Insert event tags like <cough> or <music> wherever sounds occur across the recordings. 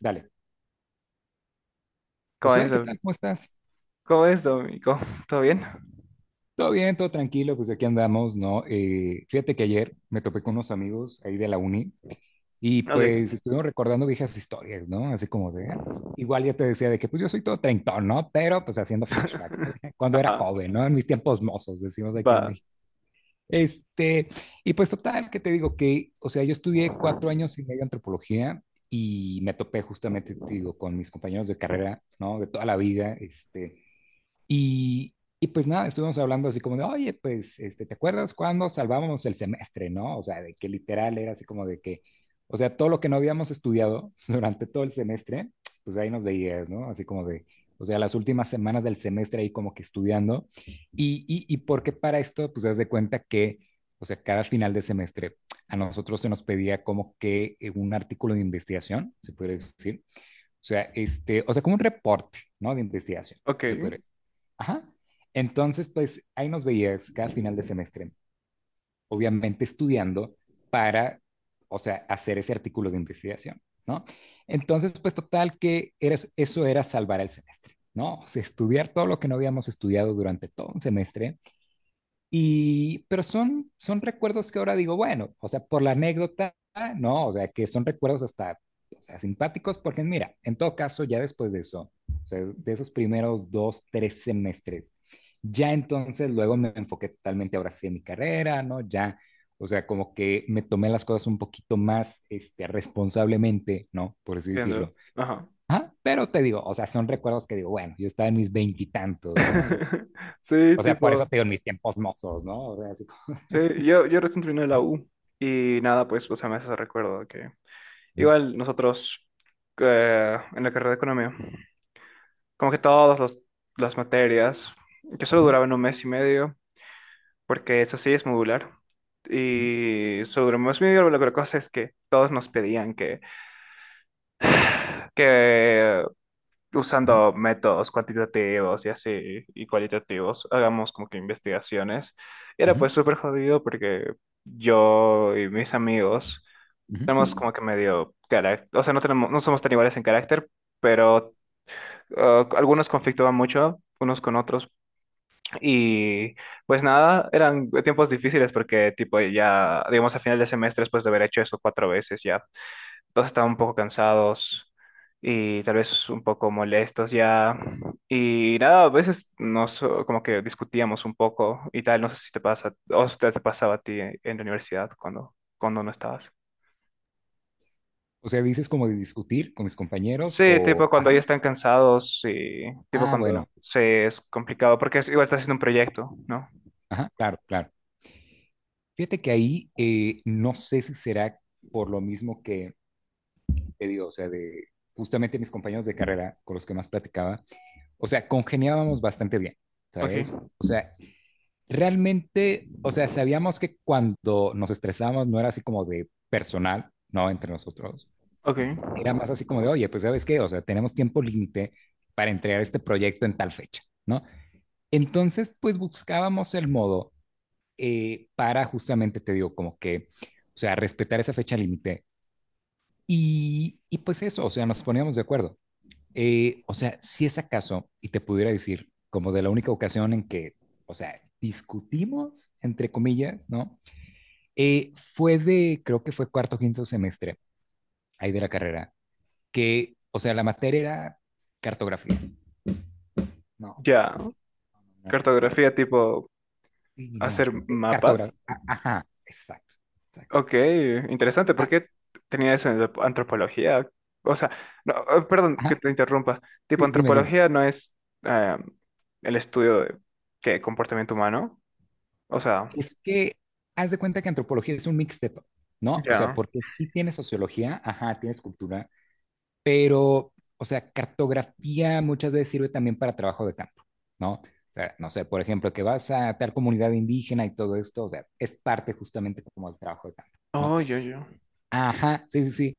Dale. ¿Cómo es, Josué, ¿qué Domi? tal? ¿Cómo estás? ¿Cómo es, Domi? Cómo <laughs> ¿Todo bien? Todo bien, todo tranquilo, pues aquí andamos, ¿no? Fíjate que ayer me topé con unos amigos ahí de la uni y pues Ok. estuvimos recordando viejas historias, ¿no? Así como de, ah, pues, igual ya te decía de que pues yo soy todo treintón, ¿no? Pero pues haciendo flashbacks, ¿no? <laughs> <laughs> Cuando era Ajá, joven, ¿no? En mis tiempos mozos, decimos aquí en va. México. Este, y pues total, que te digo que, o sea, yo estudié cuatro años y medio antropología y me topé justamente, te digo, con mis compañeros de carrera, ¿no? De toda la vida. Y pues nada, estuvimos hablando así como de, oye, pues, ¿te acuerdas cuando salvábamos el semestre, no? O sea, de que literal era así como de que, o sea, todo lo que no habíamos estudiado <laughs> durante todo el semestre, pues ahí nos veías, ¿no? Así como de, o sea, las últimas semanas del semestre ahí como que estudiando. Y porque para esto, pues, das de cuenta que, o sea, cada final de semestre a nosotros se nos pedía como que un artículo de investigación, se puede decir, o sea, o sea, como un reporte, ¿no? De investigación, Ok, se puede decir. Ajá. Entonces, pues ahí nos veías cada final de semestre, obviamente estudiando para, o sea, hacer ese artículo de investigación, ¿no? Entonces, pues total que era, eso era salvar el semestre, ¿no? O sea, estudiar todo lo que no habíamos estudiado durante todo un semestre y, pero son recuerdos que ahora digo, bueno, o sea, por la anécdota, no, o sea, que son recuerdos hasta, o sea, simpáticos, porque mira, en todo caso, ya después de eso, o sea, de esos primeros dos, tres semestres, ya entonces luego me enfoqué totalmente ahora sí en mi carrera, ¿no? Ya, o sea, como que me tomé las cosas un poquito más, responsablemente, ¿no? Por así entiendo. decirlo. Ajá. Ah, pero te digo, o sea, son recuerdos que digo, bueno, yo estaba en mis veintitantos, ¿no? <laughs> Sí, O sea, por eso tipo, te digo en mis tiempos mozos, ¿no? O sea, así como... sí, yo recién terminé la U y nada, pues, o sea, me hace ese recuerdo que Ujú, igual nosotros en la carrera de economía, como que las materias, que solo ujú, duraban un mes y medio, porque eso sí es modular, ujú, y sobre un mes y medio, pero la otra cosa es que todos nos pedían que usando métodos cuantitativos y así, y cualitativos, hagamos como que investigaciones. Era ujú, pues súper jodido porque yo y mis amigos ujú, tenemos ujú. como que medio carácter, o sea, no tenemos, no somos tan iguales en carácter, pero algunos conflictuaban mucho unos con otros y pues nada, eran tiempos difíciles porque tipo ya, digamos, a final de semestre después de haber hecho eso cuatro veces ya todos estaban un poco cansados y tal vez un poco molestos ya. Y nada, a veces nos como que discutíamos un poco y tal, no sé si te pasa, o si te pasaba a ti en la universidad cuando no estabas. O sea, dices como de discutir con mis compañeros Sí, o... tipo cuando Ajá. ya están cansados y tipo Ah, cuando bueno, se es complicado, porque es, igual estás haciendo un proyecto, ¿no? ajá, claro, claro. Fíjate que ahí no sé si será por lo mismo que te digo, o sea, de justamente mis compañeros de carrera con los que más platicaba, o sea, congeniábamos bastante bien, Ok, ¿sabes? O sea, realmente, o sea, sabíamos que cuando nos estresábamos no era así como de personal, ¿no? Entre nosotros. ok. Era más así como de, oye, pues sabes qué, o sea, tenemos tiempo límite para entregar este proyecto en tal fecha, ¿no? Entonces, pues buscábamos el modo para justamente, te digo, como que, o sea, respetar esa fecha límite y pues eso, o sea, nos poníamos de acuerdo. O sea, si es acaso, y te pudiera decir, como de la única ocasión en que, o sea, discutimos, entre comillas, ¿no? Fue de, creo que fue cuarto, o quinto semestre, ahí de la carrera, que, o sea, la materia era cartografía. No, Ya, no, no, cartografía cartografía, tipo sí, no, hacer cartografía. mapas. Ajá, exacto, exacto. Ok, interesante. ¿Por Ah, qué tenía eso en la antropología? O sea, no, perdón que ajá, te interrumpa. Tipo, sí, dime, dime. antropología no es eh, el estudio de ¿qué? Comportamiento humano. O sea, Es que haz de cuenta que antropología es un mixteto, ¿no? O sea, ya. porque sí tienes sociología, ajá, tienes cultura, pero, o sea, cartografía muchas veces sirve también para trabajo de campo, ¿no? O sea, no sé, por ejemplo, que vas a tal comunidad indígena y todo esto, o sea, es parte justamente como del trabajo de campo, ¿no? Oh, yo. Ajá, sí, sí, sí.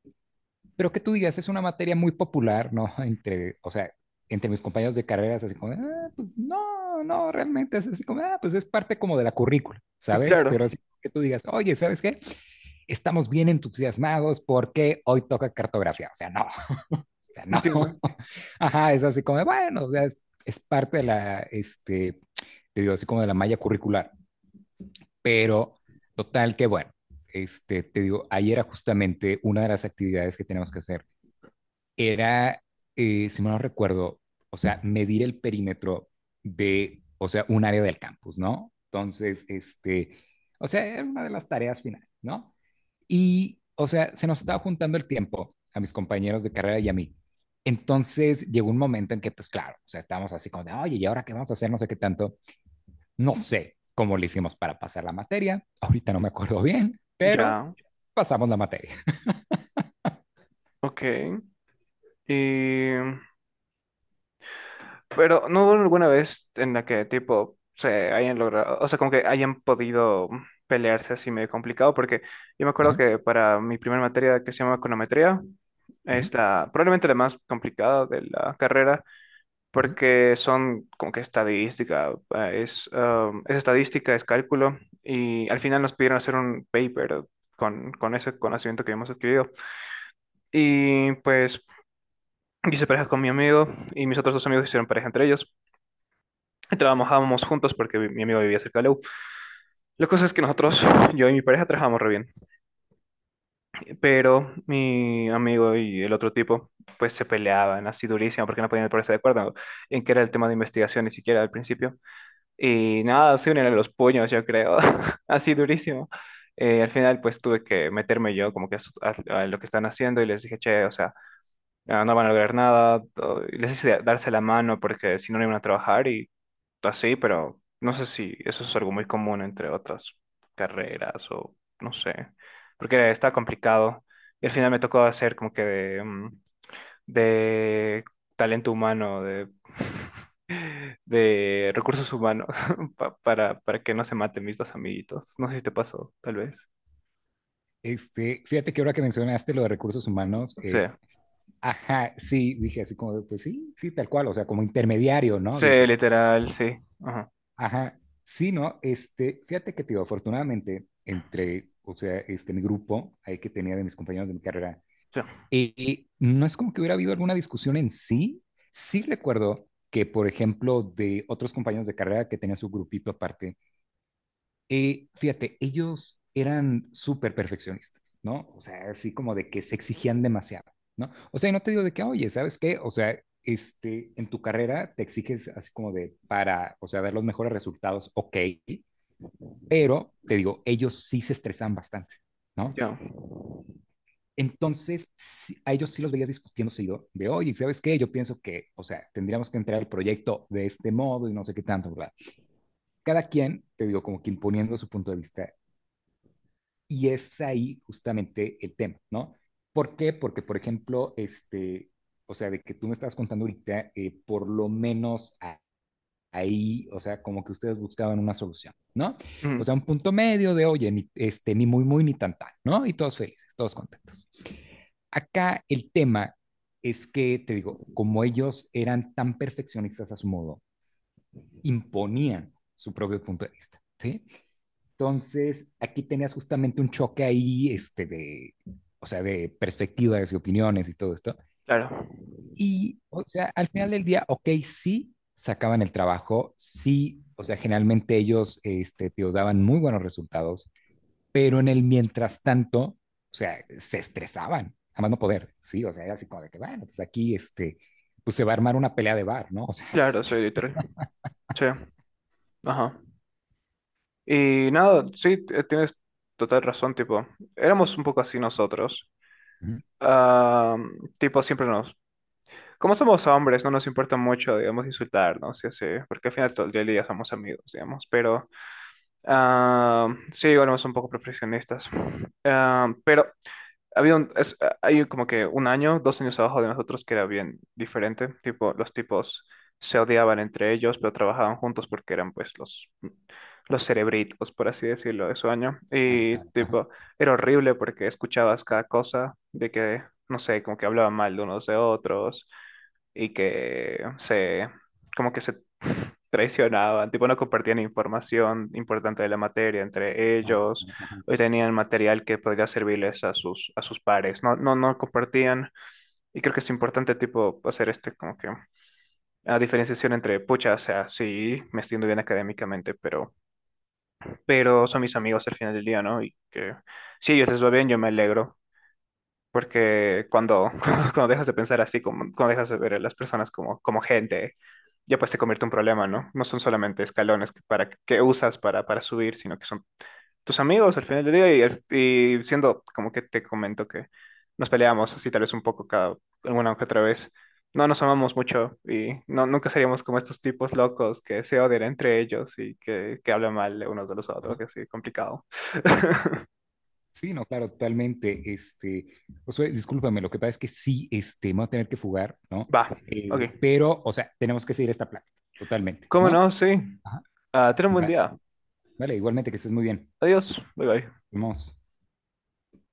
Pero que tú digas, es una materia muy popular, ¿no? <laughs> Entre, o sea, entre mis compañeros de carreras, así como, ah, pues no, no, realmente es así como, ah, pues es parte como de la currícula, ¿sabes? Claro, Pero así que tú digas, oye, ¿sabes qué? Estamos bien entusiasmados porque hoy toca cartografía. O sea, no, <laughs> o sea, no. entiendo. <laughs> Ajá, es así como, bueno, o sea, es parte de la, te digo, así como de la malla curricular. Pero total que, bueno, te digo, ayer era justamente una de las actividades que tenemos que hacer era, si mal no recuerdo, o sea, medir el perímetro de, o sea, un área del campus, ¿no? Entonces, o sea, era una de las tareas finales, ¿no? Y, o sea, se nos estaba juntando el tiempo a mis compañeros de carrera y a mí. Entonces llegó un momento en que, pues claro, o sea, estábamos así como de, oye, ¿y ahora qué vamos a hacer? No sé qué tanto. No sé cómo le hicimos para pasar la materia. Ahorita no me acuerdo bien, pero Ya, pasamos la materia. ok. Y pero no hubo alguna vez en la que tipo se hayan logrado, o sea, como que hayan podido pelearse así medio complicado, porque yo me acuerdo Ajá. que para mi primera materia que se llama econometría, Ujú, es la, probablemente la más complicada de la carrera, ujú. porque son como que estadística, es estadística, es cálculo, y al final nos pidieron hacer un paper con ese conocimiento que hemos adquirido. Y pues yo hice pareja con mi amigo y mis otros dos amigos hicieron pareja entre ellos. <laughs> Trabajábamos juntos porque mi amigo vivía cerca de la U. La cosa es que nosotros, yo y mi pareja, trabajábamos re bien. Pero mi amigo y el otro tipo, pues se peleaban así durísimo porque no podían ponerse de acuerdo en qué era el tema de investigación ni siquiera al principio. Y nada, se unían a los puños, yo creo, <laughs> así durísimo. Al final, pues tuve que meterme yo como que a lo que están haciendo y les dije, che, o sea, ah, no van a lograr nada, y les dice darse la mano porque si no, no iban a trabajar y así, pero no sé si eso es algo muy común entre otras carreras o no sé, porque está complicado. Y al final me tocó hacer como que de talento humano, de, <laughs> de recursos humanos, <laughs> para que no se maten mis dos amiguitos. No sé si te pasó, tal vez. Fíjate que ahora que mencionaste lo de recursos humanos, Sí, ajá, sí, dije así como, de, pues sí, sí, tal cual, o sea, como intermediario, ¿no? sí, Dices, literal, sí. Ajá, ajá, sí, ¿no? Fíjate que, tío, afortunadamente, entre, o sea, mi grupo, ahí que tenía de mis compañeros de mi carrera, sí, no es como que hubiera habido alguna discusión en sí, sí recuerdo que, por ejemplo, de otros compañeros de carrera que tenían su grupito aparte. Fíjate, ellos eran súper perfeccionistas, ¿no? O sea, así como de que se exigían demasiado, ¿no? O sea, y no te digo de que, oye, ¿sabes qué? O sea, en tu carrera te exiges así como de para, o sea, dar los mejores resultados, ok, pero te digo, ellos sí se estresaban bastante, ¿no? ya. Entonces, a ellos sí los veías discutiendo seguido de, oye, ¿sabes qué? Yo pienso que, o sea, tendríamos que entrar al proyecto de este modo y no sé qué tanto, ¿verdad? Cada quien, te digo, como que imponiendo su punto de vista. Y es ahí justamente el tema, ¿no? ¿Por qué? Porque, por ejemplo, o sea, de que tú me estás contando ahorita, por lo menos ahí, o sea, como que ustedes buscaban una solución, ¿no? Ujú. O sea, un punto medio de, oye, ni, ni muy, muy, ni tan, tan, ¿no? Y todos felices, todos contentos. Acá el tema es que, te digo, como ellos eran tan perfeccionistas a su modo, imponían su propio punto de vista, ¿sí? Entonces, aquí tenías justamente un choque ahí, de, o sea, de perspectivas y opiniones y todo esto. Claro, Y, o sea, al final del día, ok, sí sacaban el trabajo, sí, o sea, generalmente ellos, te daban muy buenos resultados, pero en el mientras tanto, o sea, se estresaban, jamás no poder, sí, o sea, era así como de que, bueno, pues aquí, pues se va a armar una pelea de bar, ¿no? <laughs> O sea, claro, soy editor. Sí, ajá. Y nada, sí, tienes total razón, tipo, éramos un poco así nosotros. ujú, Ah, tipo, siempre nos... Como somos hombres, no nos importa mucho, digamos, insultarnos y así, porque al final todo el día, del somos amigos, digamos, pero ah, sí, igual somos un poco perfeccionistas. Ah, pero Había un, es, hay como que un año, dos años abajo de nosotros que era bien diferente. Tipo, los tipos se odiaban entre ellos, pero trabajaban juntos porque eran pues los cerebritos, por así decirlo, de su año. claro, Y claro, ajá, tipo, era horrible porque escuchabas cada cosa de que, no sé, como que hablaban mal de unos de otros y que se, como que se traicionaban, tipo no compartían información importante de la materia entre claro, ellos, ajá, o tenían material que podría servirles a a sus pares, no compartían, y creo que es importante tipo hacer este como que la diferenciación entre, pucha, o sea, sí, me estoy yendo bien académicamente, pero son mis amigos al final del día, ¿no? Y que si a ellos les va bien, yo me alegro, porque cuando, <laughs> cuando dejas de pensar así, como, cuando dejas de ver a las personas como gente, ya pues te convierte en un problema, ¿no? No son solamente escalones que usas para subir, sino que son tus amigos al final del día. Y siendo como que te comento que nos peleamos así tal vez un poco cada alguna que otra vez. No nos amamos mucho y no, nunca seríamos como estos tipos locos que se odian entre ellos y que hablan mal de unos de los ajá. otros y así, complicado. <laughs> Sí, no, claro, totalmente. Josué, discúlpame, lo que pasa es que sí, me voy a tener que fugar, ¿no? Va, ok. Pero, o sea, tenemos que seguir esta plática, totalmente, ¿Cómo ¿no? no? Sí. Ajá, Ah, ten un buen va- día. vale, igualmente que estés muy bien. Adiós, bye bye. Vamos.